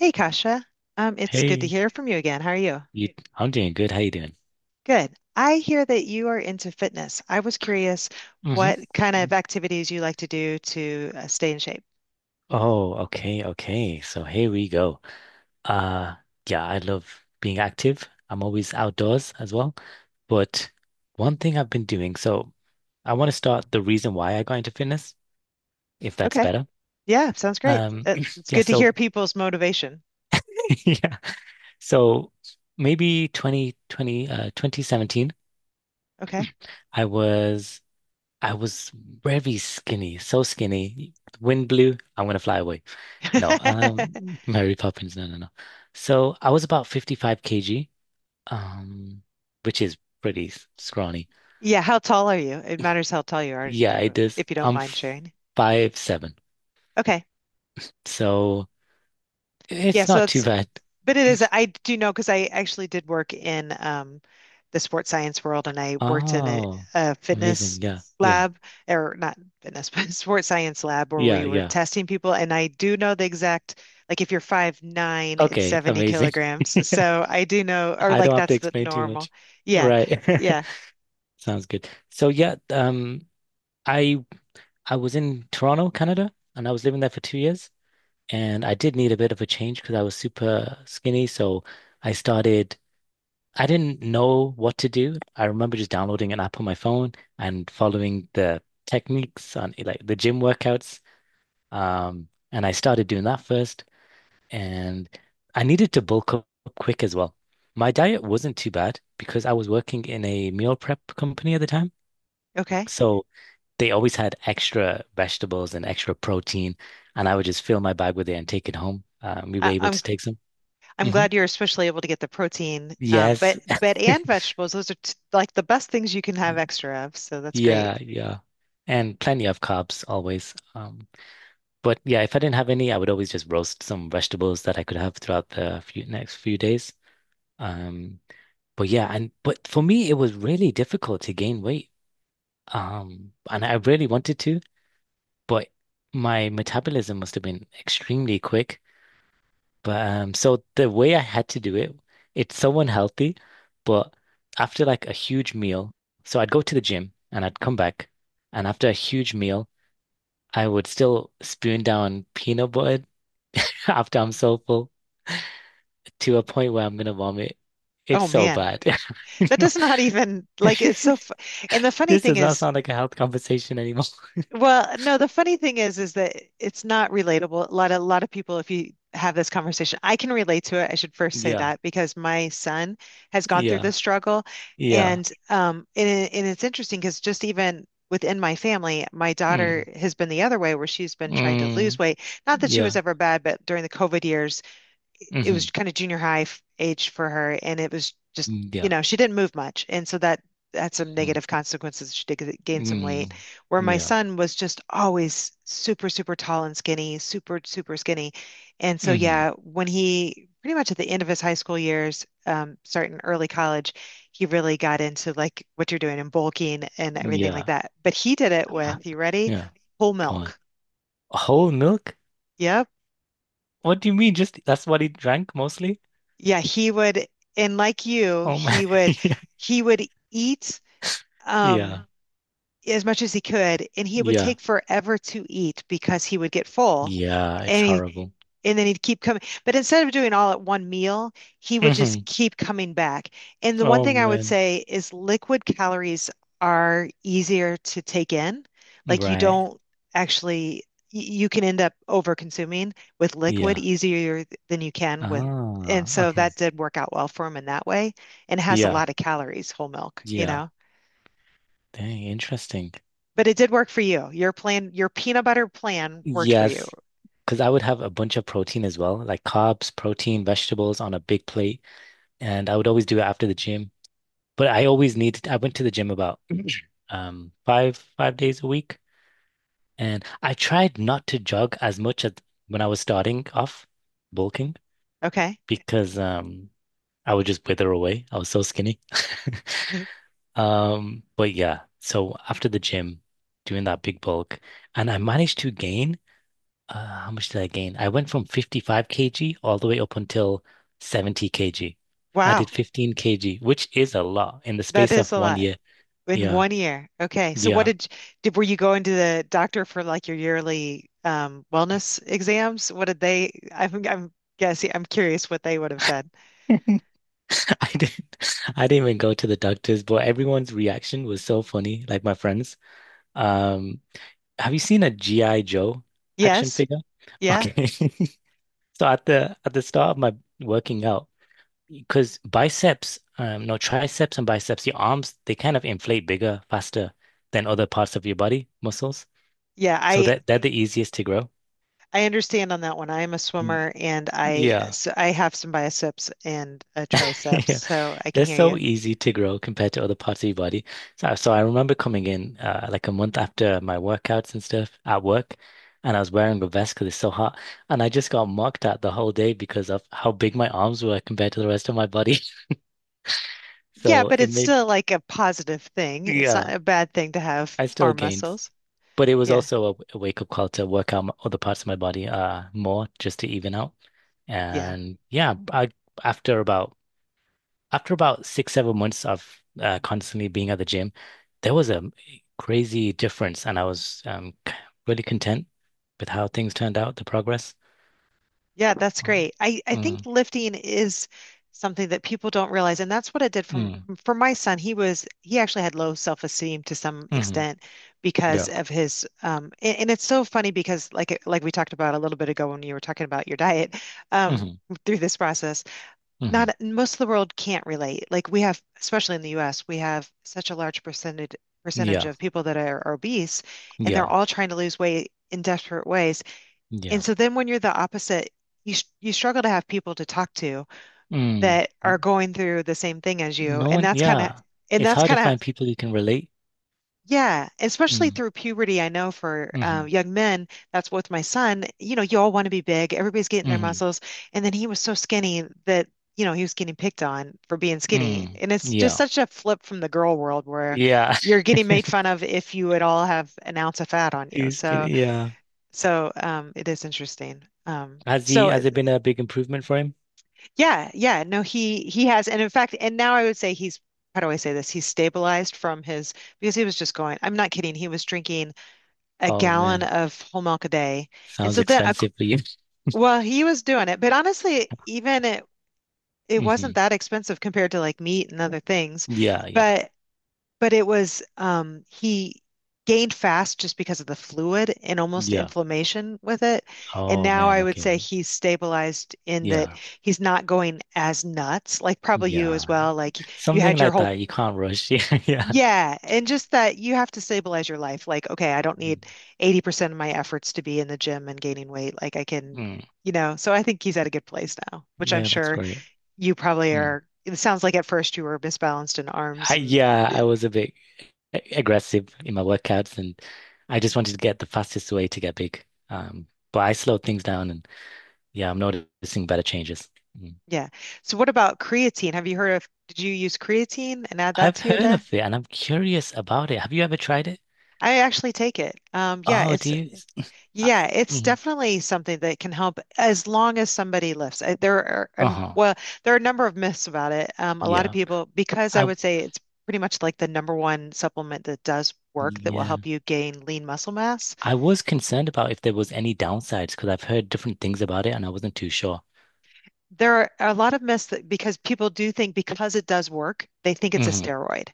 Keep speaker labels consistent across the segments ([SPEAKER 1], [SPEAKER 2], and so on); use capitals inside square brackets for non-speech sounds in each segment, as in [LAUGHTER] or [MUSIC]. [SPEAKER 1] Hey, Kasha. It's good to
[SPEAKER 2] Hey,
[SPEAKER 1] hear from you again. How are you?
[SPEAKER 2] you, I'm doing good. How you doing?
[SPEAKER 1] Good. I hear that you are into fitness. I was curious
[SPEAKER 2] hmm
[SPEAKER 1] what kind of activities you like to do to stay in shape.
[SPEAKER 2] Oh, okay, okay. So here we go. Uh, yeah, I love being active. I'm always outdoors as well. But one thing I've been doing, so I want to start the reason why I got into fitness, if that's
[SPEAKER 1] Okay.
[SPEAKER 2] better.
[SPEAKER 1] Yeah, sounds great.
[SPEAKER 2] Um, [CLEARS THROAT]
[SPEAKER 1] It's
[SPEAKER 2] yeah,
[SPEAKER 1] good to hear
[SPEAKER 2] so
[SPEAKER 1] people's motivation.
[SPEAKER 2] [LAUGHS] yeah. So maybe 2020 2017,
[SPEAKER 1] Okay.
[SPEAKER 2] I was I was very skinny, so skinny. Wind blew, I'm gonna fly away. No,
[SPEAKER 1] [LAUGHS]
[SPEAKER 2] Mary Poppins. No, no, no. So I was about 55 kg, um, which is pretty scrawny.
[SPEAKER 1] Yeah, how tall are you? It matters how tall you are to
[SPEAKER 2] Yeah, it
[SPEAKER 1] go,
[SPEAKER 2] is.
[SPEAKER 1] if you don't
[SPEAKER 2] I'm
[SPEAKER 1] mind
[SPEAKER 2] f-
[SPEAKER 1] sharing.
[SPEAKER 2] 5'7",
[SPEAKER 1] Okay.
[SPEAKER 2] so
[SPEAKER 1] Yeah,
[SPEAKER 2] it's
[SPEAKER 1] so
[SPEAKER 2] not too
[SPEAKER 1] it's
[SPEAKER 2] bad.
[SPEAKER 1] But it is, I do know because I actually did work in the sports science world and I worked in
[SPEAKER 2] Oh,
[SPEAKER 1] a fitness
[SPEAKER 2] amazing. Yeah, yeah,
[SPEAKER 1] lab, or not fitness, [LAUGHS] but sports science lab where we
[SPEAKER 2] yeah,
[SPEAKER 1] were
[SPEAKER 2] yeah.
[SPEAKER 1] testing people. And I do know the exact, like if you're 5'9", it's
[SPEAKER 2] Okay,
[SPEAKER 1] 70
[SPEAKER 2] amazing.
[SPEAKER 1] kilograms.
[SPEAKER 2] [LAUGHS]
[SPEAKER 1] So I do know, or
[SPEAKER 2] I
[SPEAKER 1] like
[SPEAKER 2] don't have to
[SPEAKER 1] that's the
[SPEAKER 2] explain too
[SPEAKER 1] normal.
[SPEAKER 2] much.
[SPEAKER 1] Yeah.
[SPEAKER 2] Right. [LAUGHS]
[SPEAKER 1] Yeah.
[SPEAKER 2] Sounds good. So yeah, I I was in Toronto, Canada, and I was living there for 2 years. And I did need a bit of a change because I was super skinny. So I started, I didn't know what to do. I remember just downloading an app on my phone and following the techniques on like the gym workouts. And I started doing that first. And I needed to bulk up quick as well. My diet wasn't too bad because I was working in a meal prep company at the time.
[SPEAKER 1] Okay.
[SPEAKER 2] So they always had extra vegetables and extra protein. And I would just fill my bag with it and take it home. We were
[SPEAKER 1] I,
[SPEAKER 2] able
[SPEAKER 1] I'm
[SPEAKER 2] to take some
[SPEAKER 1] I'm
[SPEAKER 2] hmm
[SPEAKER 1] glad you're especially able to get the protein,
[SPEAKER 2] yes.
[SPEAKER 1] but
[SPEAKER 2] [LAUGHS]
[SPEAKER 1] but and vegetables. Those are t like the best things you can have extra of. So that's great.
[SPEAKER 2] Yeah, yeah. And plenty of carbs always. But yeah, if I didn't have any, I would always just roast some vegetables that I could have throughout the few next few days. Um, but yeah, and but for me, it was really difficult to gain weight. And I really wanted to, but my metabolism must have been extremely quick. But so the way I had to do it, it's so unhealthy, but after like a huge meal, so I'd go to the gym and I'd come back, and after a huge meal, I would still spoon down peanut butter [LAUGHS] after I'm so full to a point where I'm gonna vomit. It's
[SPEAKER 1] Oh
[SPEAKER 2] so
[SPEAKER 1] man.
[SPEAKER 2] bad. [LAUGHS] You
[SPEAKER 1] That
[SPEAKER 2] know,
[SPEAKER 1] does not even
[SPEAKER 2] [LAUGHS]
[SPEAKER 1] like it's so fu And the funny
[SPEAKER 2] this
[SPEAKER 1] thing
[SPEAKER 2] does not
[SPEAKER 1] is,
[SPEAKER 2] sound like a health conversation anymore. [LAUGHS]
[SPEAKER 1] well, no, the funny thing is that it's not relatable. A lot of, a lot of people, if you have this conversation I can relate to it. I should first say
[SPEAKER 2] Yeah,
[SPEAKER 1] that because my son has gone through
[SPEAKER 2] yeah,
[SPEAKER 1] this struggle.
[SPEAKER 2] yeah.
[SPEAKER 1] And and it's interesting because just even within my family my daughter
[SPEAKER 2] Mm,
[SPEAKER 1] has been the other way where she's been trying to lose
[SPEAKER 2] mm,
[SPEAKER 1] weight, not that she
[SPEAKER 2] yeah.
[SPEAKER 1] was ever bad, but during the COVID years it was
[SPEAKER 2] hmm
[SPEAKER 1] kind of junior high age for her, and it was just, you
[SPEAKER 2] Yeah.
[SPEAKER 1] know, she didn't move much, and so that had some
[SPEAKER 2] Mm,
[SPEAKER 1] negative consequences. She did gain some
[SPEAKER 2] mm,
[SPEAKER 1] weight, where my
[SPEAKER 2] yeah.
[SPEAKER 1] son was just always super, super tall and skinny, super, super skinny, and so
[SPEAKER 2] hmm
[SPEAKER 1] yeah, when he pretty much at the end of his high school years, starting early college, he really got into like what you're doing and bulking and everything like
[SPEAKER 2] Yeah.
[SPEAKER 1] that. But he did it
[SPEAKER 2] Uh,
[SPEAKER 1] with, you ready?
[SPEAKER 2] yeah,
[SPEAKER 1] Whole
[SPEAKER 2] go on.
[SPEAKER 1] milk.
[SPEAKER 2] Whole milk?
[SPEAKER 1] Yep.
[SPEAKER 2] What do you mean? Just that's what he drank mostly?
[SPEAKER 1] Yeah, he would, and like you,
[SPEAKER 2] Oh man,
[SPEAKER 1] he would, he would eat
[SPEAKER 2] [LAUGHS]
[SPEAKER 1] um
[SPEAKER 2] yeah.
[SPEAKER 1] as much as he could, and he would
[SPEAKER 2] Yeah.
[SPEAKER 1] take forever to eat because he would get full.
[SPEAKER 2] Yeah, it's
[SPEAKER 1] And
[SPEAKER 2] horrible.
[SPEAKER 1] and then he'd keep coming. But instead of doing all at one meal, he would just
[SPEAKER 2] hmm
[SPEAKER 1] keep coming back. And the one
[SPEAKER 2] Oh
[SPEAKER 1] thing I would
[SPEAKER 2] man.
[SPEAKER 1] say is liquid calories are easier to take in. Like you
[SPEAKER 2] Right.
[SPEAKER 1] don't actually, you can end up over consuming with liquid
[SPEAKER 2] Yeah.
[SPEAKER 1] easier than you can with. And
[SPEAKER 2] Ah,
[SPEAKER 1] so that
[SPEAKER 2] uh-huh.
[SPEAKER 1] did work out well for him in that way, and it has a
[SPEAKER 2] Yeah.
[SPEAKER 1] lot of calories, whole milk, you
[SPEAKER 2] Yeah.
[SPEAKER 1] know.
[SPEAKER 2] Dang, interesting.
[SPEAKER 1] But it did work for you. Your plan, your peanut butter plan worked for you.
[SPEAKER 2] Yes, because I would have a bunch of protein as well, like carbs, protein, vegetables on a big plate, and I would always do it after the gym. But I always needed, I went to the gym about [CLEARS THROAT] five days a week. And I tried not to jog as much as when I was starting off bulking
[SPEAKER 1] Okay.
[SPEAKER 2] because I would just wither away. I was so skinny. [LAUGHS]
[SPEAKER 1] [LAUGHS]
[SPEAKER 2] But yeah, so after the gym, doing that big bulk, and I managed to gain how much did I gain? I went from 55 kg all the way up until 70 kg. I did
[SPEAKER 1] Wow.
[SPEAKER 2] 15 kg, which is a lot in the
[SPEAKER 1] That
[SPEAKER 2] space of
[SPEAKER 1] is a
[SPEAKER 2] one
[SPEAKER 1] lot.
[SPEAKER 2] year.
[SPEAKER 1] In
[SPEAKER 2] Yeah,
[SPEAKER 1] one year. Okay. So what
[SPEAKER 2] yeah.
[SPEAKER 1] did were you going to the doctor for like your yearly wellness exams? What did they, I'm guessing, I'm curious what they would have said.
[SPEAKER 2] [LAUGHS] [LAUGHS] I didn't I didn't even go to the doctors, but everyone's reaction was so funny, like my friends. Um, have you seen a G.I. Joe action
[SPEAKER 1] Yes.
[SPEAKER 2] figure?
[SPEAKER 1] Yeah.
[SPEAKER 2] Okay. [LAUGHS] So at the start of my working out, because biceps, no, triceps and biceps, your arms, they kind of inflate bigger, faster than other parts of your body muscles.
[SPEAKER 1] Yeah,
[SPEAKER 2] So
[SPEAKER 1] I
[SPEAKER 2] that they're the easiest to grow.
[SPEAKER 1] I understand on that one. I am a
[SPEAKER 2] Mm.
[SPEAKER 1] swimmer and I,
[SPEAKER 2] Yeah.
[SPEAKER 1] so I have some biceps and a triceps,
[SPEAKER 2] [LAUGHS]
[SPEAKER 1] so I can
[SPEAKER 2] They're
[SPEAKER 1] hear
[SPEAKER 2] so
[SPEAKER 1] you.
[SPEAKER 2] easy to grow compared to other parts of your body. So I remember coming in like a month after my workouts and stuff at work, and I was wearing a vest because it's so hot, and I just got mocked at the whole day because of how big my arms were compared to the rest of my body. [LAUGHS]
[SPEAKER 1] Yeah,
[SPEAKER 2] So
[SPEAKER 1] but
[SPEAKER 2] it
[SPEAKER 1] it's
[SPEAKER 2] made,
[SPEAKER 1] still like a positive thing. It's
[SPEAKER 2] yeah,
[SPEAKER 1] not a bad thing to have
[SPEAKER 2] I still
[SPEAKER 1] arm
[SPEAKER 2] gained,
[SPEAKER 1] muscles.
[SPEAKER 2] but it was
[SPEAKER 1] Yeah.
[SPEAKER 2] also a wake-up call to work out other parts of my body more just to even out.
[SPEAKER 1] Yeah.
[SPEAKER 2] And yeah, I after about after about six, 7 months of constantly being at the gym, there was a crazy difference, and I was really content with how things turned out, the progress.
[SPEAKER 1] Yeah, that's
[SPEAKER 2] Oh.
[SPEAKER 1] great. I think
[SPEAKER 2] Mm,
[SPEAKER 1] lifting is something that people don't realize, and that's what it did from
[SPEAKER 2] mm,
[SPEAKER 1] for my son. He actually had low self-esteem to some
[SPEAKER 2] hmm
[SPEAKER 1] extent because
[SPEAKER 2] yeah.
[SPEAKER 1] of his and it's so funny because like like we talked about a little bit ago when you were talking about your diet, um
[SPEAKER 2] hmm
[SPEAKER 1] through this process,
[SPEAKER 2] hmm
[SPEAKER 1] not most of the world can't relate. Like we have, especially in the US, we have such a large percentage
[SPEAKER 2] Yeah.
[SPEAKER 1] of people that are obese and they're
[SPEAKER 2] Yeah.
[SPEAKER 1] all trying to lose weight in desperate ways, and
[SPEAKER 2] Yeah.
[SPEAKER 1] so then when you're the opposite, you, struggle to have people to talk to
[SPEAKER 2] Mm.
[SPEAKER 1] that are going through the same thing as you.
[SPEAKER 2] No one, yeah.
[SPEAKER 1] And
[SPEAKER 2] It's
[SPEAKER 1] that's
[SPEAKER 2] hard to
[SPEAKER 1] kind of
[SPEAKER 2] find people you can relate.
[SPEAKER 1] yeah, especially
[SPEAKER 2] Mm,
[SPEAKER 1] through puberty, I know for
[SPEAKER 2] hmm
[SPEAKER 1] young men, that's with my son, you know, you all want to be big, everybody's getting their
[SPEAKER 2] hmm
[SPEAKER 1] muscles, and then he was so skinny that, you know, he was getting picked on for being skinny.
[SPEAKER 2] mm.
[SPEAKER 1] And it's just
[SPEAKER 2] Yeah.
[SPEAKER 1] such a flip from the girl world where
[SPEAKER 2] Yeah.
[SPEAKER 1] you're getting made
[SPEAKER 2] [LAUGHS]
[SPEAKER 1] fun of if you at all have an ounce of fat on you.
[SPEAKER 2] He's,
[SPEAKER 1] So
[SPEAKER 2] yeah.
[SPEAKER 1] so it is interesting. Um,
[SPEAKER 2] Has he,
[SPEAKER 1] so
[SPEAKER 2] has it been a big improvement for him?
[SPEAKER 1] yeah, yeah. No, he has, and in fact, and now I would say he's, how do I say this? He's stabilized from his, because he was just going, I'm not kidding, he was drinking a
[SPEAKER 2] Oh
[SPEAKER 1] gallon
[SPEAKER 2] man.
[SPEAKER 1] of whole milk a day. And
[SPEAKER 2] Sounds
[SPEAKER 1] so then
[SPEAKER 2] expensive for you.
[SPEAKER 1] well, he was doing it, but honestly, even it it
[SPEAKER 2] hmm
[SPEAKER 1] wasn't that expensive compared to like meat and other things.
[SPEAKER 2] Yeah, yeah,
[SPEAKER 1] But it was, he gained fast just because of the fluid and almost
[SPEAKER 2] yeah.
[SPEAKER 1] inflammation with it. And
[SPEAKER 2] Oh
[SPEAKER 1] now
[SPEAKER 2] man,
[SPEAKER 1] I would
[SPEAKER 2] okay.
[SPEAKER 1] say he's stabilized in that
[SPEAKER 2] Yeah,
[SPEAKER 1] he's not going as nuts, like probably you
[SPEAKER 2] yeah.
[SPEAKER 1] as well. Like you
[SPEAKER 2] Something
[SPEAKER 1] had your
[SPEAKER 2] like
[SPEAKER 1] whole,
[SPEAKER 2] that, You e-commerce. [LAUGHS] Yeah, yeah.
[SPEAKER 1] yeah, and just that you have to stabilize your life. Like, okay, I don't
[SPEAKER 2] Mm.
[SPEAKER 1] need 80% of my efforts to be in the gym and gaining weight. Like I can,
[SPEAKER 2] Mm.
[SPEAKER 1] you know, so I think he's at a good place now, which I'm
[SPEAKER 2] Yeah, that's
[SPEAKER 1] sure
[SPEAKER 2] great.
[SPEAKER 1] you probably
[SPEAKER 2] Mm.
[SPEAKER 1] are. It sounds like at first you were misbalanced in arms
[SPEAKER 2] I,
[SPEAKER 1] and
[SPEAKER 2] yeah, I was a bit aggressive in my workouts and I just wanted to get the fastest way to get big. Um, but I slowed things down and yeah, I'm noticing better changes. Mm.
[SPEAKER 1] yeah. So what about creatine? Have you heard of, did you use creatine and add that
[SPEAKER 2] I've
[SPEAKER 1] to your
[SPEAKER 2] heard
[SPEAKER 1] diet?
[SPEAKER 2] of it and I'm curious about it. Have you ever tried it?
[SPEAKER 1] I actually take it.
[SPEAKER 2] Oh, do you? [LAUGHS] I,
[SPEAKER 1] Yeah, it's
[SPEAKER 2] mhm.
[SPEAKER 1] definitely something that can help as long as somebody lifts. There are,
[SPEAKER 2] Uh-huh.
[SPEAKER 1] well, there are a number of myths about it. A lot of
[SPEAKER 2] Yeah.
[SPEAKER 1] people, because I
[SPEAKER 2] I,
[SPEAKER 1] would say it's pretty much like the number one supplement that does work that will
[SPEAKER 2] yeah.
[SPEAKER 1] help you gain lean muscle mass.
[SPEAKER 2] I was concerned about if there was any downsides because I've heard different things about it and I wasn't too sure.
[SPEAKER 1] There are a lot of myths that because people do think because it does work, they think it's a
[SPEAKER 2] hmm
[SPEAKER 1] steroid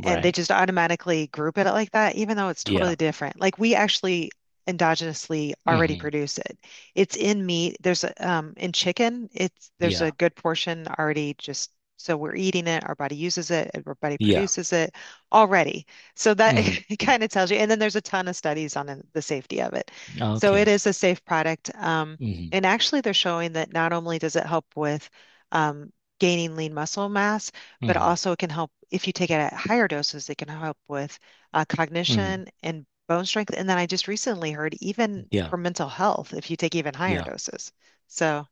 [SPEAKER 1] and they just automatically group it like that, even though it's
[SPEAKER 2] Yeah.
[SPEAKER 1] totally different. Like we actually endogenously already
[SPEAKER 2] hmm
[SPEAKER 1] produce it. It's in meat. There's a, in chicken, it's there's a
[SPEAKER 2] Yeah.
[SPEAKER 1] good portion already, just so we're eating it, our body uses it, our body
[SPEAKER 2] Yeah.
[SPEAKER 1] produces it already. So that
[SPEAKER 2] hmm
[SPEAKER 1] [LAUGHS] it kind of tells you. And then there's a ton of studies on the safety of it. So it
[SPEAKER 2] Okay.
[SPEAKER 1] is a safe product.
[SPEAKER 2] hmm
[SPEAKER 1] And actually, they're showing that not only does it help with um, gaining lean muscle mass, but
[SPEAKER 2] hmm
[SPEAKER 1] also it can help if you take it at higher doses, it can help with
[SPEAKER 2] hmm
[SPEAKER 1] cognition and bone strength. And then I just recently heard even
[SPEAKER 2] Yeah.
[SPEAKER 1] for mental health if you take even higher
[SPEAKER 2] Yeah.
[SPEAKER 1] doses. So,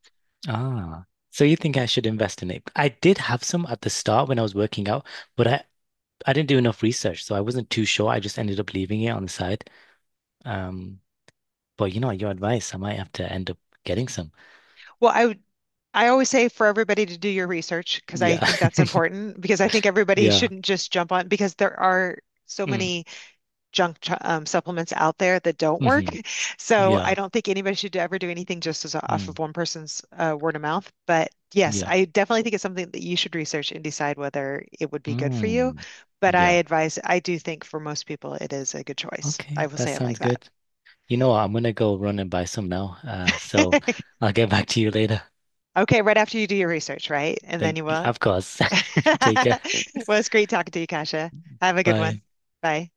[SPEAKER 2] Ah. So you think I should invest in it? I did have some at the start when I was working out, but I didn't do enough research, so I wasn't too sure. I just ended up leaving it on the side. Um, but you know, your advice, I might have to end up getting some.
[SPEAKER 1] well, I would. I always say for everybody to do your research because I
[SPEAKER 2] Yeah.
[SPEAKER 1] think that's
[SPEAKER 2] [LAUGHS]
[SPEAKER 1] important because I think everybody
[SPEAKER 2] Yeah.
[SPEAKER 1] shouldn't just jump on because there are so
[SPEAKER 2] Mm.
[SPEAKER 1] many junk, supplements out there that don't work.
[SPEAKER 2] hmm
[SPEAKER 1] So I
[SPEAKER 2] Yeah.
[SPEAKER 1] don't think anybody should ever do anything just as off
[SPEAKER 2] Mm.
[SPEAKER 1] of one person's word of mouth. But yes,
[SPEAKER 2] Yeah.
[SPEAKER 1] I definitely think it's something that you should research and decide whether it would be good for you.
[SPEAKER 2] Mm,
[SPEAKER 1] But I
[SPEAKER 2] yeah.
[SPEAKER 1] advise, I do think for most people, it is a good choice. I
[SPEAKER 2] Okay,
[SPEAKER 1] will
[SPEAKER 2] that
[SPEAKER 1] say it like
[SPEAKER 2] sounds
[SPEAKER 1] that.
[SPEAKER 2] good. You know what? I'm gonna go run and buy some now. So
[SPEAKER 1] [LAUGHS]
[SPEAKER 2] I'll get back to you later.
[SPEAKER 1] Okay, right after you do your research, right? And then
[SPEAKER 2] Thank,
[SPEAKER 1] you will.
[SPEAKER 2] of course.
[SPEAKER 1] [LAUGHS]
[SPEAKER 2] [LAUGHS] Take care.
[SPEAKER 1] Well, it's great talking to you, Kasia. Have a good one.
[SPEAKER 2] Bye.
[SPEAKER 1] Bye.